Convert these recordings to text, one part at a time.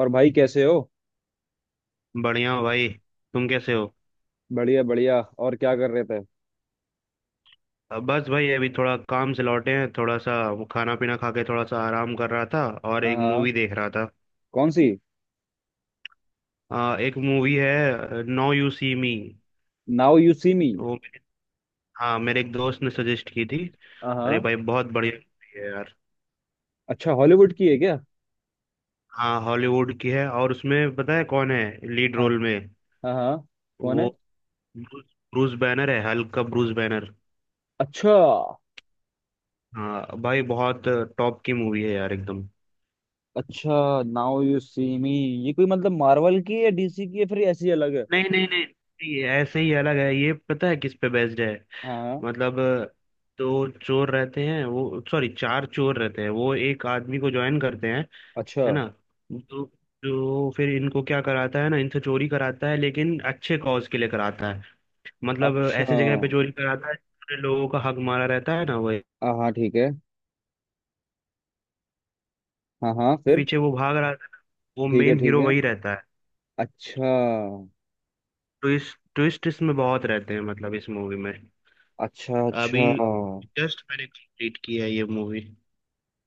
और भाई कैसे हो। बढ़िया हो भाई। तुम कैसे हो? बढ़िया बढ़िया। और क्या कर रहे थे? अब बस भाई, अभी थोड़ा काम से लौटे हैं, थोड़ा सा वो खाना पीना खा के थोड़ा सा आराम कर रहा था और एक हाँ। मूवी देख रहा था। कौन सी? एक मूवी है, now you see me. Now you see me. वो। हाँ, मेरे एक दोस्त ने सजेस्ट की थी। अरे हाँ, भाई बहुत बढ़िया मूवी है यार। अच्छा हॉलीवुड की है क्या? हाँ, हॉलीवुड की है, और उसमें पता है कौन है, लीड हाँ रोल में? हाँ हाँ। कौन वो, है? ब्रूस, ब्रूस बैनर है, हल्क का ब्रूस बैनर। अच्छा। हाँ भाई, बहुत टॉप की मूवी है यार एकदम। अच्छा नाउ यू सी मी। ये कोई मतलब मार्वल की है, डीसी की है, फिर ऐसी अलग है? नहीं नहीं नहीं नहीं, ऐसे ही अलग है। ये पता है किस पे बेस्ड है? हाँ हाँ, मतलब दो चोर रहते हैं वो सॉरी चार चोर रहते हैं, वो एक आदमी को ज्वाइन करते हैं, अच्छा। है ना? तो जो फिर इनको क्या कराता है ना, इनसे चोरी कराता है, लेकिन अच्छे कॉज के लिए कराता है। मतलब अच्छा ऐसे जगह पे चोरी कराता है जिसमें लोगों का हक मारा रहता है ना, वही। हाँ हाँ ठीक है। हाँ हाँ फिर? पीछे वो भाग रहा है, वो ठीक है मेन ठीक हीरो है। वही रहता है। अच्छा। ट्विस्ट ट्विस्ट इसमें बहुत रहते हैं, मतलब इस मूवी में। अच्छा अभी अच्छा। जस्ट मैंने कंप्लीट किया है ये मूवी।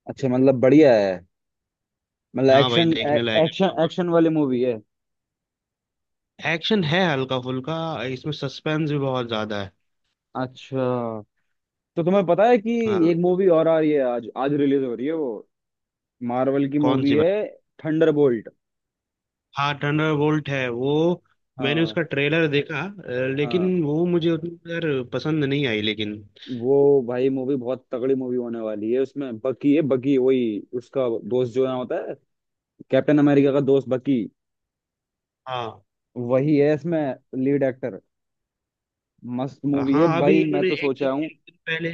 अच्छा मतलब बढ़िया है। मतलब हाँ भाई, एक्शन, देखने लायक है। एक्शन एक्शन वाली मूवी है? एक्शन है हल्का फुल्का, इसमें सस्पेंस भी बहुत ज्यादा है। अच्छा। तो तुम्हें पता है कि हाँ। एक मूवी और आ रही है, आज आज रिलीज हो रही है वो। मार्वल की कौन मूवी सी है। भाई? थंडरबोल्ट। हाँ, थंडरबोल्ट है वो। मैंने हाँ। उसका ट्रेलर देखा, हाँ लेकिन वो मुझे उतनी यार पसंद नहीं आई, लेकिन। वो भाई मूवी बहुत तगड़ी मूवी होने वाली है। उसमें बकी है, बकी वही उसका दोस्त जो ना होता है, कैप्टन अमेरिका का दोस्त बकी। हाँ, वही है इसमें लीड एक्टर। मस्त मूवी है हाँ। भाई, अभी मैं इन्होंने तो एक सोचा दिन, हूँ। एक दिन पहले,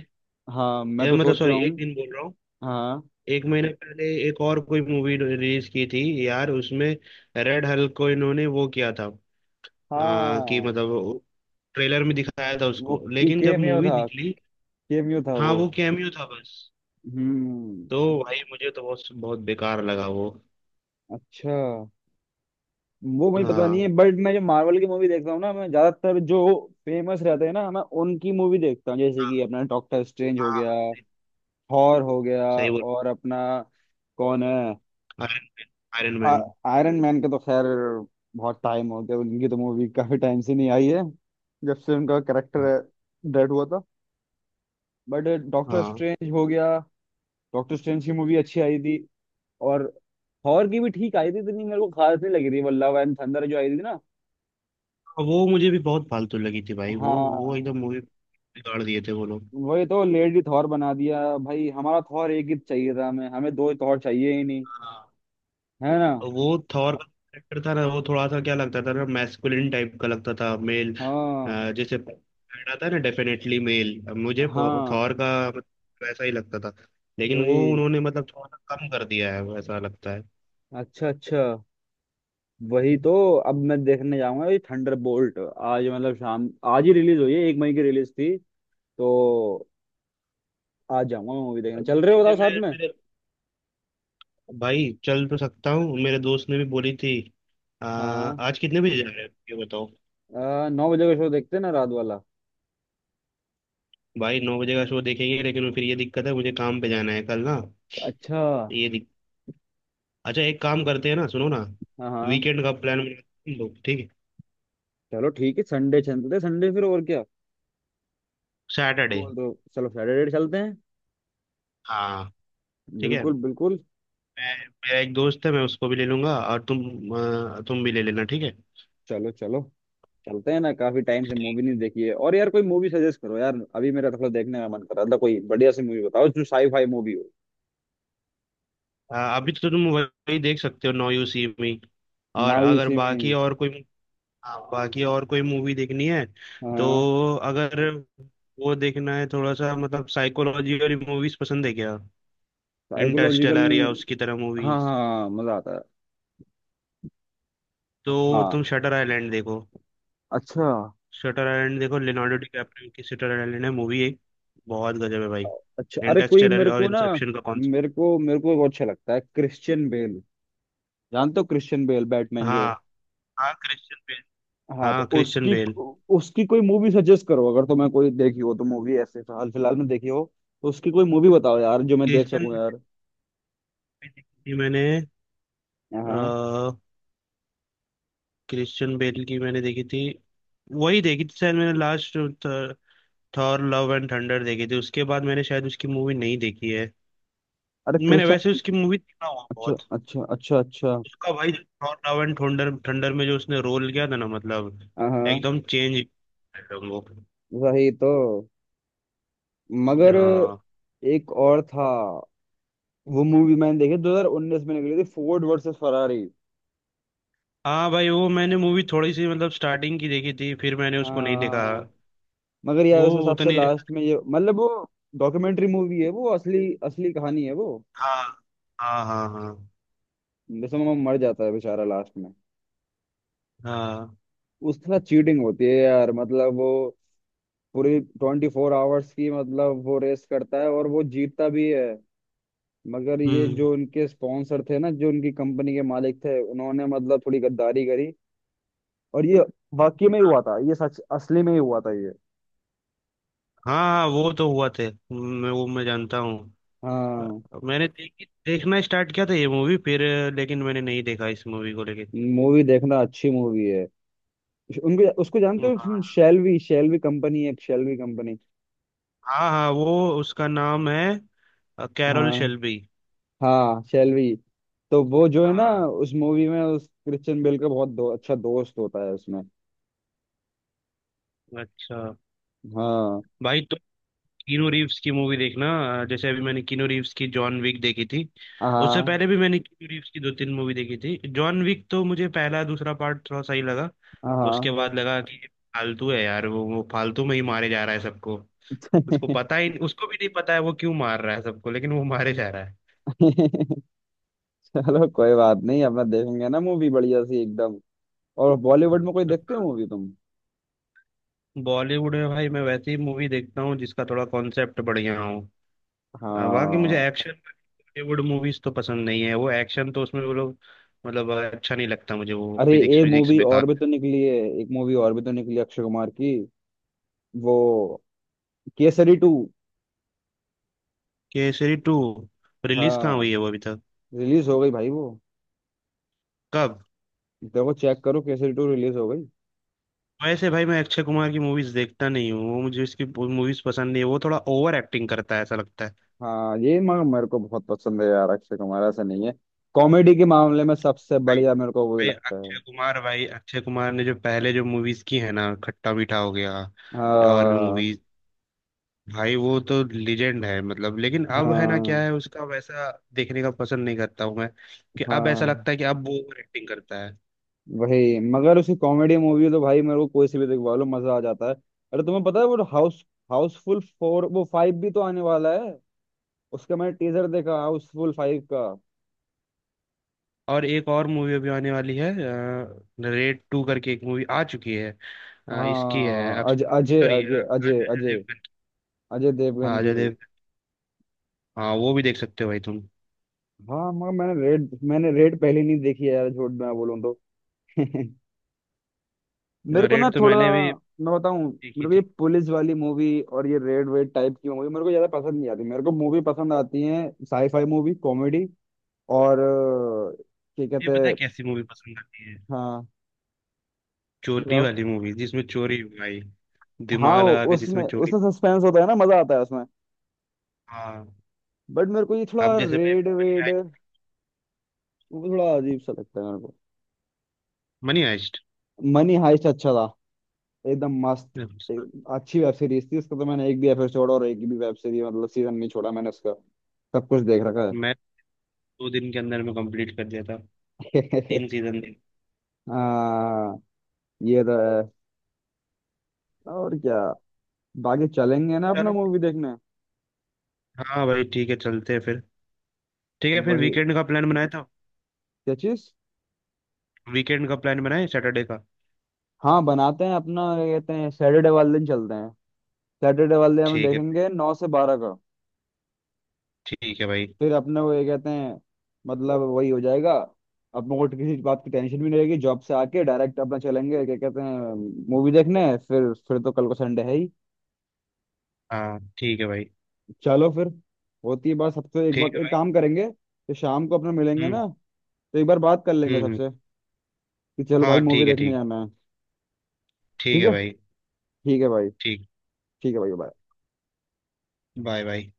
हाँ मैं तो मतलब सोचा सॉरी, हूँ। एक दिन बोल रहा हूँ, हाँ एक महीने पहले एक और कोई मूवी रिलीज की थी यार, उसमें रेड हल्क को इन्होंने वो किया था। कि हाँ मतलब ट्रेलर में दिखाया था वो उसको, की लेकिन जब केमियो मूवी था, निकली, केमियो था हाँ, वो। वो कैमियो था बस। हम्म। तो भाई मुझे तो बहुत बहुत बेकार लगा वो। अच्छा, वो मुझे पता नहीं है हाँ, बट मैं जो मार्वल की मूवी देखता हूँ ना, मैं ज्यादातर जो फेमस रहते हैं ना, मैं उनकी मूवी देखता हूँ। जैसे हाँ, कि अपना डॉक्टर स्ट्रेंज हो हाँ, गया, थॉर हो गया, सही बोल। और अपना कौन है? Iron Man. आयरन आ, मैन। आयरन मैन का तो खैर बहुत टाइम हो गया, उनकी तो मूवी काफी टाइम से नहीं आई है जब से उनका हाँ, करेक्टर डेड हुआ था। बट डॉक्टर हाँ। स्ट्रेंज हो गया, डॉक्टर स्ट्रेंज की मूवी अच्छी आई थी। और थॉर की भी ठीक आई थी, इतनी मेरे को खास नहीं लगी थी वो लव एंड थंडर जो आई थी ना। और वो मुझे भी बहुत फालतू लगी थी भाई, वो एकदम हाँ मूवी बिगाड़ दिए थे वो लोग। वही तो, लेडी थॉर बना दिया भाई। हमारा थॉर एक ही चाहिए था हमें, हमें दो थॉर चाहिए ही नहीं। हाँ। है ना? और वो थॉर का कैरेक्टर था ना, वो थोड़ा सा क्या लगता था ना, मैस्कुलिन टाइप का लगता था, मेल हाँ जैसे पहना था ना, डेफिनेटली मेल मुझे हाँ। थॉर का मतलब वैसा ही लगता था। लेकिन वो वही। उन्होंने मतलब थोड़ा सा कम कर दिया है, वैसा लगता है। अच्छा अच्छा। वही तो। अब मैं देखने जाऊंगा ये थंडर बोल्ट आज, मतलब शाम। आज ही रिलीज हुई है, 1 मई की रिलीज थी। तो आज जाऊंगा मैं मूवी देखने, चल रहे हो जैसे बताओ साथ मैं में? मेरे भाई, चल तो सकता हूँ, मेरे दोस्त ने भी बोली थी। हाँ। आज कितने बजे जा रहे हैं ये बताओ? 9 बजे का शो देखते हैं ना, रात वाला। भाई 9 बजे का शो देखेंगे, लेकिन फिर ये दिक्कत है, मुझे काम पे जाना है कल ना। अच्छा। ये दिक... अच्छा एक काम करते हैं ना, सुनो ना, हाँ हाँ। वीकेंड का प्लान बनाते हैं हम लोग, ठीक है? चलो ठीक है, संडे चलते हैं, संडे फिर और क्या? सैटरडे। बोल दो। चलो सैटरडे चलते हैं। हाँ, ठीक है। बिल्कुल बिल्कुल। मैं मेरा एक दोस्त है, मैं उसको भी ले लूंगा, और तुम, तुम भी ले लेना, ठीक है। चलो चलो। चलते हैं ना, काफी टाइम से मूवी नहीं देखी है। और यार कोई मूवी सजेस्ट करो यार, अभी मेरा थोड़ा देखने का मन कर रहा था। कोई बढ़िया सी मूवी बताओ जो साई फाई मूवी हो। अभी तो तुम वही देख सकते हो, नौ यू सी में, और नाउ यू अगर सी मी। बाकी और कोई, हाँ, बाकी और कोई मूवी देखनी है हाँ। तो, अगर वो देखना है थोड़ा सा, मतलब साइकोलॉजी वाली मूवीज पसंद है क्या? साइकोलॉजिकल। इंटरस्टेलर या उसकी तरह हाँ मूवीज, हाँ मजा आता है। तो हाँ। तुम शटर आइलैंड देखो। अच्छा। शटर आइलैंड देखो, लियोनार्डो डिकैप्रियो की शटर आइलैंड है मूवी एक, बहुत गजब है भाई। अच्छा, अरे कोई इंटरस्टेलर मेरे और को ना, इंसेप्शन का कॉन्सेप्ट। मेरे को वो अच्छा लगता है क्रिश्चियन बेल। जानते हो क्रिश्चियन बेल, बैटमैन जो है? हाँ, हाँ, क्रिश्चियन बेल। हाँ, तो हाँ, क्रिश्चियन उसकी बेल। उसकी कोई मूवी सजेस्ट करो, अगर तुम्हें कोई देखी हो तो, मूवी ऐसे हाल फिलहाल में देखी हो तो उसकी कोई मूवी बताओ यार जो मैं देख क्रिश्चियन सकूं बेल यार। भी देखी थी मैंने, हाँ। क्रिश्चियन बेल की मैंने देखी थी, वही देखी थी शायद मैंने last. Thor Love and Thunder देखी थी, उसके बाद मैंने शायद उसकी मूवी नहीं देखी है। अरे मैंने वैसे क्रिश्चियन। उसकी मूवी देखा हुआ अच्छा बहुत। अच्छा अच्छा अच्छा। उसका भाई Thor Love and Thunder, Thunder में जो उसने रोल किया था ना, मतलब हाँ एकदम चेंज, एकदम वो। वही तो। मगर हाँ। एक और था, वो मूवी मैंने देखी 2019 में निकली थी, फोर्ड वर्सेस फरारी। हाँ भाई, वो मैंने मूवी थोड़ी सी मतलब स्टार्टिंग की देखी थी, फिर मैंने उसको नहीं देखा। हाँ मगर वो यार उस हिसाब से उतनी, लास्ट में, ये मतलब वो डॉक्यूमेंट्री मूवी है वो, असली असली कहानी है वो। हाँ, हाँ, हाँ, हाँ, जैसे वो मर जाता है बेचारा लास्ट में, हाँ। उसके साथ चीटिंग होती है यार मतलब। वो पूरी 24 आवर्स की, मतलब वो रेस करता है और वो जीतता भी है, मगर ये हम्म। जो उनके स्पॉन्सर थे ना, जो उनकी कंपनी के मालिक थे, उन्होंने मतलब थोड़ी गद्दारी करी। और ये वाकई में ही हुआ हाँ, था ये, सच असली में ही हुआ था ये। हाँ, वो तो हुआ थे, मैं वो, मैं जानता हूँ। हाँ, हाँ मैंने देखी देखना स्टार्ट किया था ये मूवी, फिर लेकिन मैंने नहीं देखा इस मूवी को लेके। मूवी देखना, अच्छी मूवी है। उनको उसको जानते हो हाँ, शेल्वी? शेल्वी कंपनी है एक, शेल्वी कंपनी। हाँ, हाँ, वो उसका नाम है, कैरल हाँ शेल्बी। हाँ शेल्वी। तो वो जो है ना हाँ। उस मूवी में, उस क्रिश्चियन बेल का बहुत अच्छा दोस्त होता है उसमें। अच्छा। हाँ। भाई तो, कीनू रीव्स की मूवी देखना। जैसे अभी मैंने कीनू रीव्स की जॉन विक देखी थी, उससे हाँ पहले भी मैंने कीनू रीव्स की दो तीन मूवी देखी थी। जॉन विक तो मुझे पहला दूसरा पार्ट थोड़ा सही लगा, उसके हाँ। बाद लगा कि ये फालतू है यार, वो फालतू में ही मारे जा रहा है सबको। उसको पता ही, उसको भी नहीं पता है वो क्यों मार रहा है सबको, लेकिन वो मारे जा रहा है। चलो कोई बात नहीं, अब मैं देखेंगे ना मूवी बढ़िया सी एकदम। और बॉलीवुड में कोई देखते हो मूवी तुम? बॉलीवुड में भाई, मैं वैसी मूवी देखता हूँ जिसका थोड़ा कॉन्सेप्ट बढ़िया हो। बाकी मुझे हाँ। एक्शन बॉलीवुड मूवीज तो पसंद नहीं है, वो एक्शन तो उसमें वो लोग, मतलब अच्छा नहीं लगता मुझे, वो अरे फिजिक्स एक विजिक्स मूवी बेकार। और भी तो निकली है, एक मूवी और भी तो निकली है अक्षय कुमार की। वो Kesari two. Kesari two? Release कहाँ हाँ हुई है वो अभी तक? रिलीज हो गई भाई वो। कब? देखो चेक करो, केसरी टू रिलीज हो गई। वैसे भाई मैं अक्षय कुमार की मूवीज देखता नहीं हूँ, वो मुझे इसकी मूवीज पसंद नहीं है, वो थोड़ा ओवर एक्टिंग करता है ऐसा लगता है। हाँ ये मगर मेरे को बहुत पसंद है यार अक्षय कुमार, ऐसा नहीं है। कॉमेडी के मामले में सबसे भाई, बढ़िया मेरे को वही भाई लगता अक्षय है। कुमार, भाई अक्षय कुमार ने जो पहले जो मूवीज की है ना, खट्टा मीठा हो गया या और भी हाँ मूवीज, भाई वो तो लीजेंड है मतलब, लेकिन अब है ना, हाँ क्या है उसका वैसा देखने का पसंद नहीं करता हूँ मैं, कि अब ऐसा हाँ। लगता है कि अब वो ओवर एक्टिंग करता है। वही, मगर उसकी कॉमेडी मूवी है तो भाई मेरे को कोई सी भी दिखवा लो, मजा आ जाता है। अरे तुम्हें पता है वो हाउस, हाउसफुल फोर, वो फाइव भी तो आने वाला है। उसका मैंने टीजर देखा हाउसफुल फाइव का। और एक और मूवी अभी आने वाली है, रेड टू करके एक मूवी आ चुकी है, इसकी है, अब हाँ अज अजय सॉरी अजय अजय अजय अजय, देवगन। अजय देवगन हाँ, अजय की। देव, हाँ, वो भी देख सकते हो भाई तुम। हाँ मगर मैंने रेड, मैंने रेड पहले नहीं देखी है यार, झूठ मैं बोलूँ तो। मेरे को ना रेड तो थोड़ा, मैंने भी मैं बताऊं, देखी मेरे को ये थी। पुलिस वाली मूवी और ये रेड वेड टाइप की मूवी मेरे को ज्यादा पसंद नहीं आती। मेरे को मूवी पसंद आती है साईफाई मूवी, कॉमेडी, और क्या ये कहते पता है हैं? कैसी मूवी पसंद आती है? हाँ, चोरी बताओ। वाली मूवी, जिसमें चोरी हो भाई, हाँ दिमाग लगा के जिसमें उसमें चोरी। उसमें सस्पेंस होता है ना, मजा आता है उसमें। हाँ। बट मेरे को ये थोड़ा अब जैसे भाई, रेड मनी वेड वो हाइस्ट। थोड़ा अजीब सा लगता है मेरे को। मनी हाइस्ट मनी हाइस्ट अच्छा था एकदम मस्त। मैं एक, अच्छी वेब सीरीज थी, उसका तो मैंने एक भी एपिसोड और एक भी वेब सीरीज मतलब सीजन नहीं छोड़ा मैंने उसका। सब कुछ देख रखा तो 2 दिन के अंदर में कंप्लीट कर दिया था, है। 3 सीजन देख। हाँ ये तो है। और क्या, बाकी चलेंगे ना अपना चल, मूवी देखने? हाँ भाई ठीक है, चलते हैं फिर। ठीक है, फिर वही, वीकेंड का प्लान बनाया था, क्या चीज? वीकेंड का प्लान बनाए सैटरडे का। हाँ बनाते हैं अपना क्या कहते हैं, सैटरडे वाले दिन चलते हैं। सैटरडे वाले हम ठीक है। देखेंगे 9 से 12 का। ठीक है भाई। फिर अपने को ये कहते हैं मतलब, वही हो जाएगा। अपने को किसी बात की टेंशन भी नहीं रहेगी, जॉब से आके डायरेक्ट अपना चलेंगे क्या कहते हैं मूवी देखने। फिर तो कल को संडे है ही। हाँ। ठीक है भाई। चलो फिर। होती है बात सबसे एक बार, ठीक है एक भाई। काम करेंगे तो शाम को अपना मिलेंगे हम्म। ना, तो एक बार बात कर लेंगे हम्म, सबसे कि चलो भाई हाँ मूवी ठीक है, देखने ठीक। जाना है। ठीक ठीक है है। भाई। ठीक है भाई। ठीक। ठीक है भाई bye। Bye bye.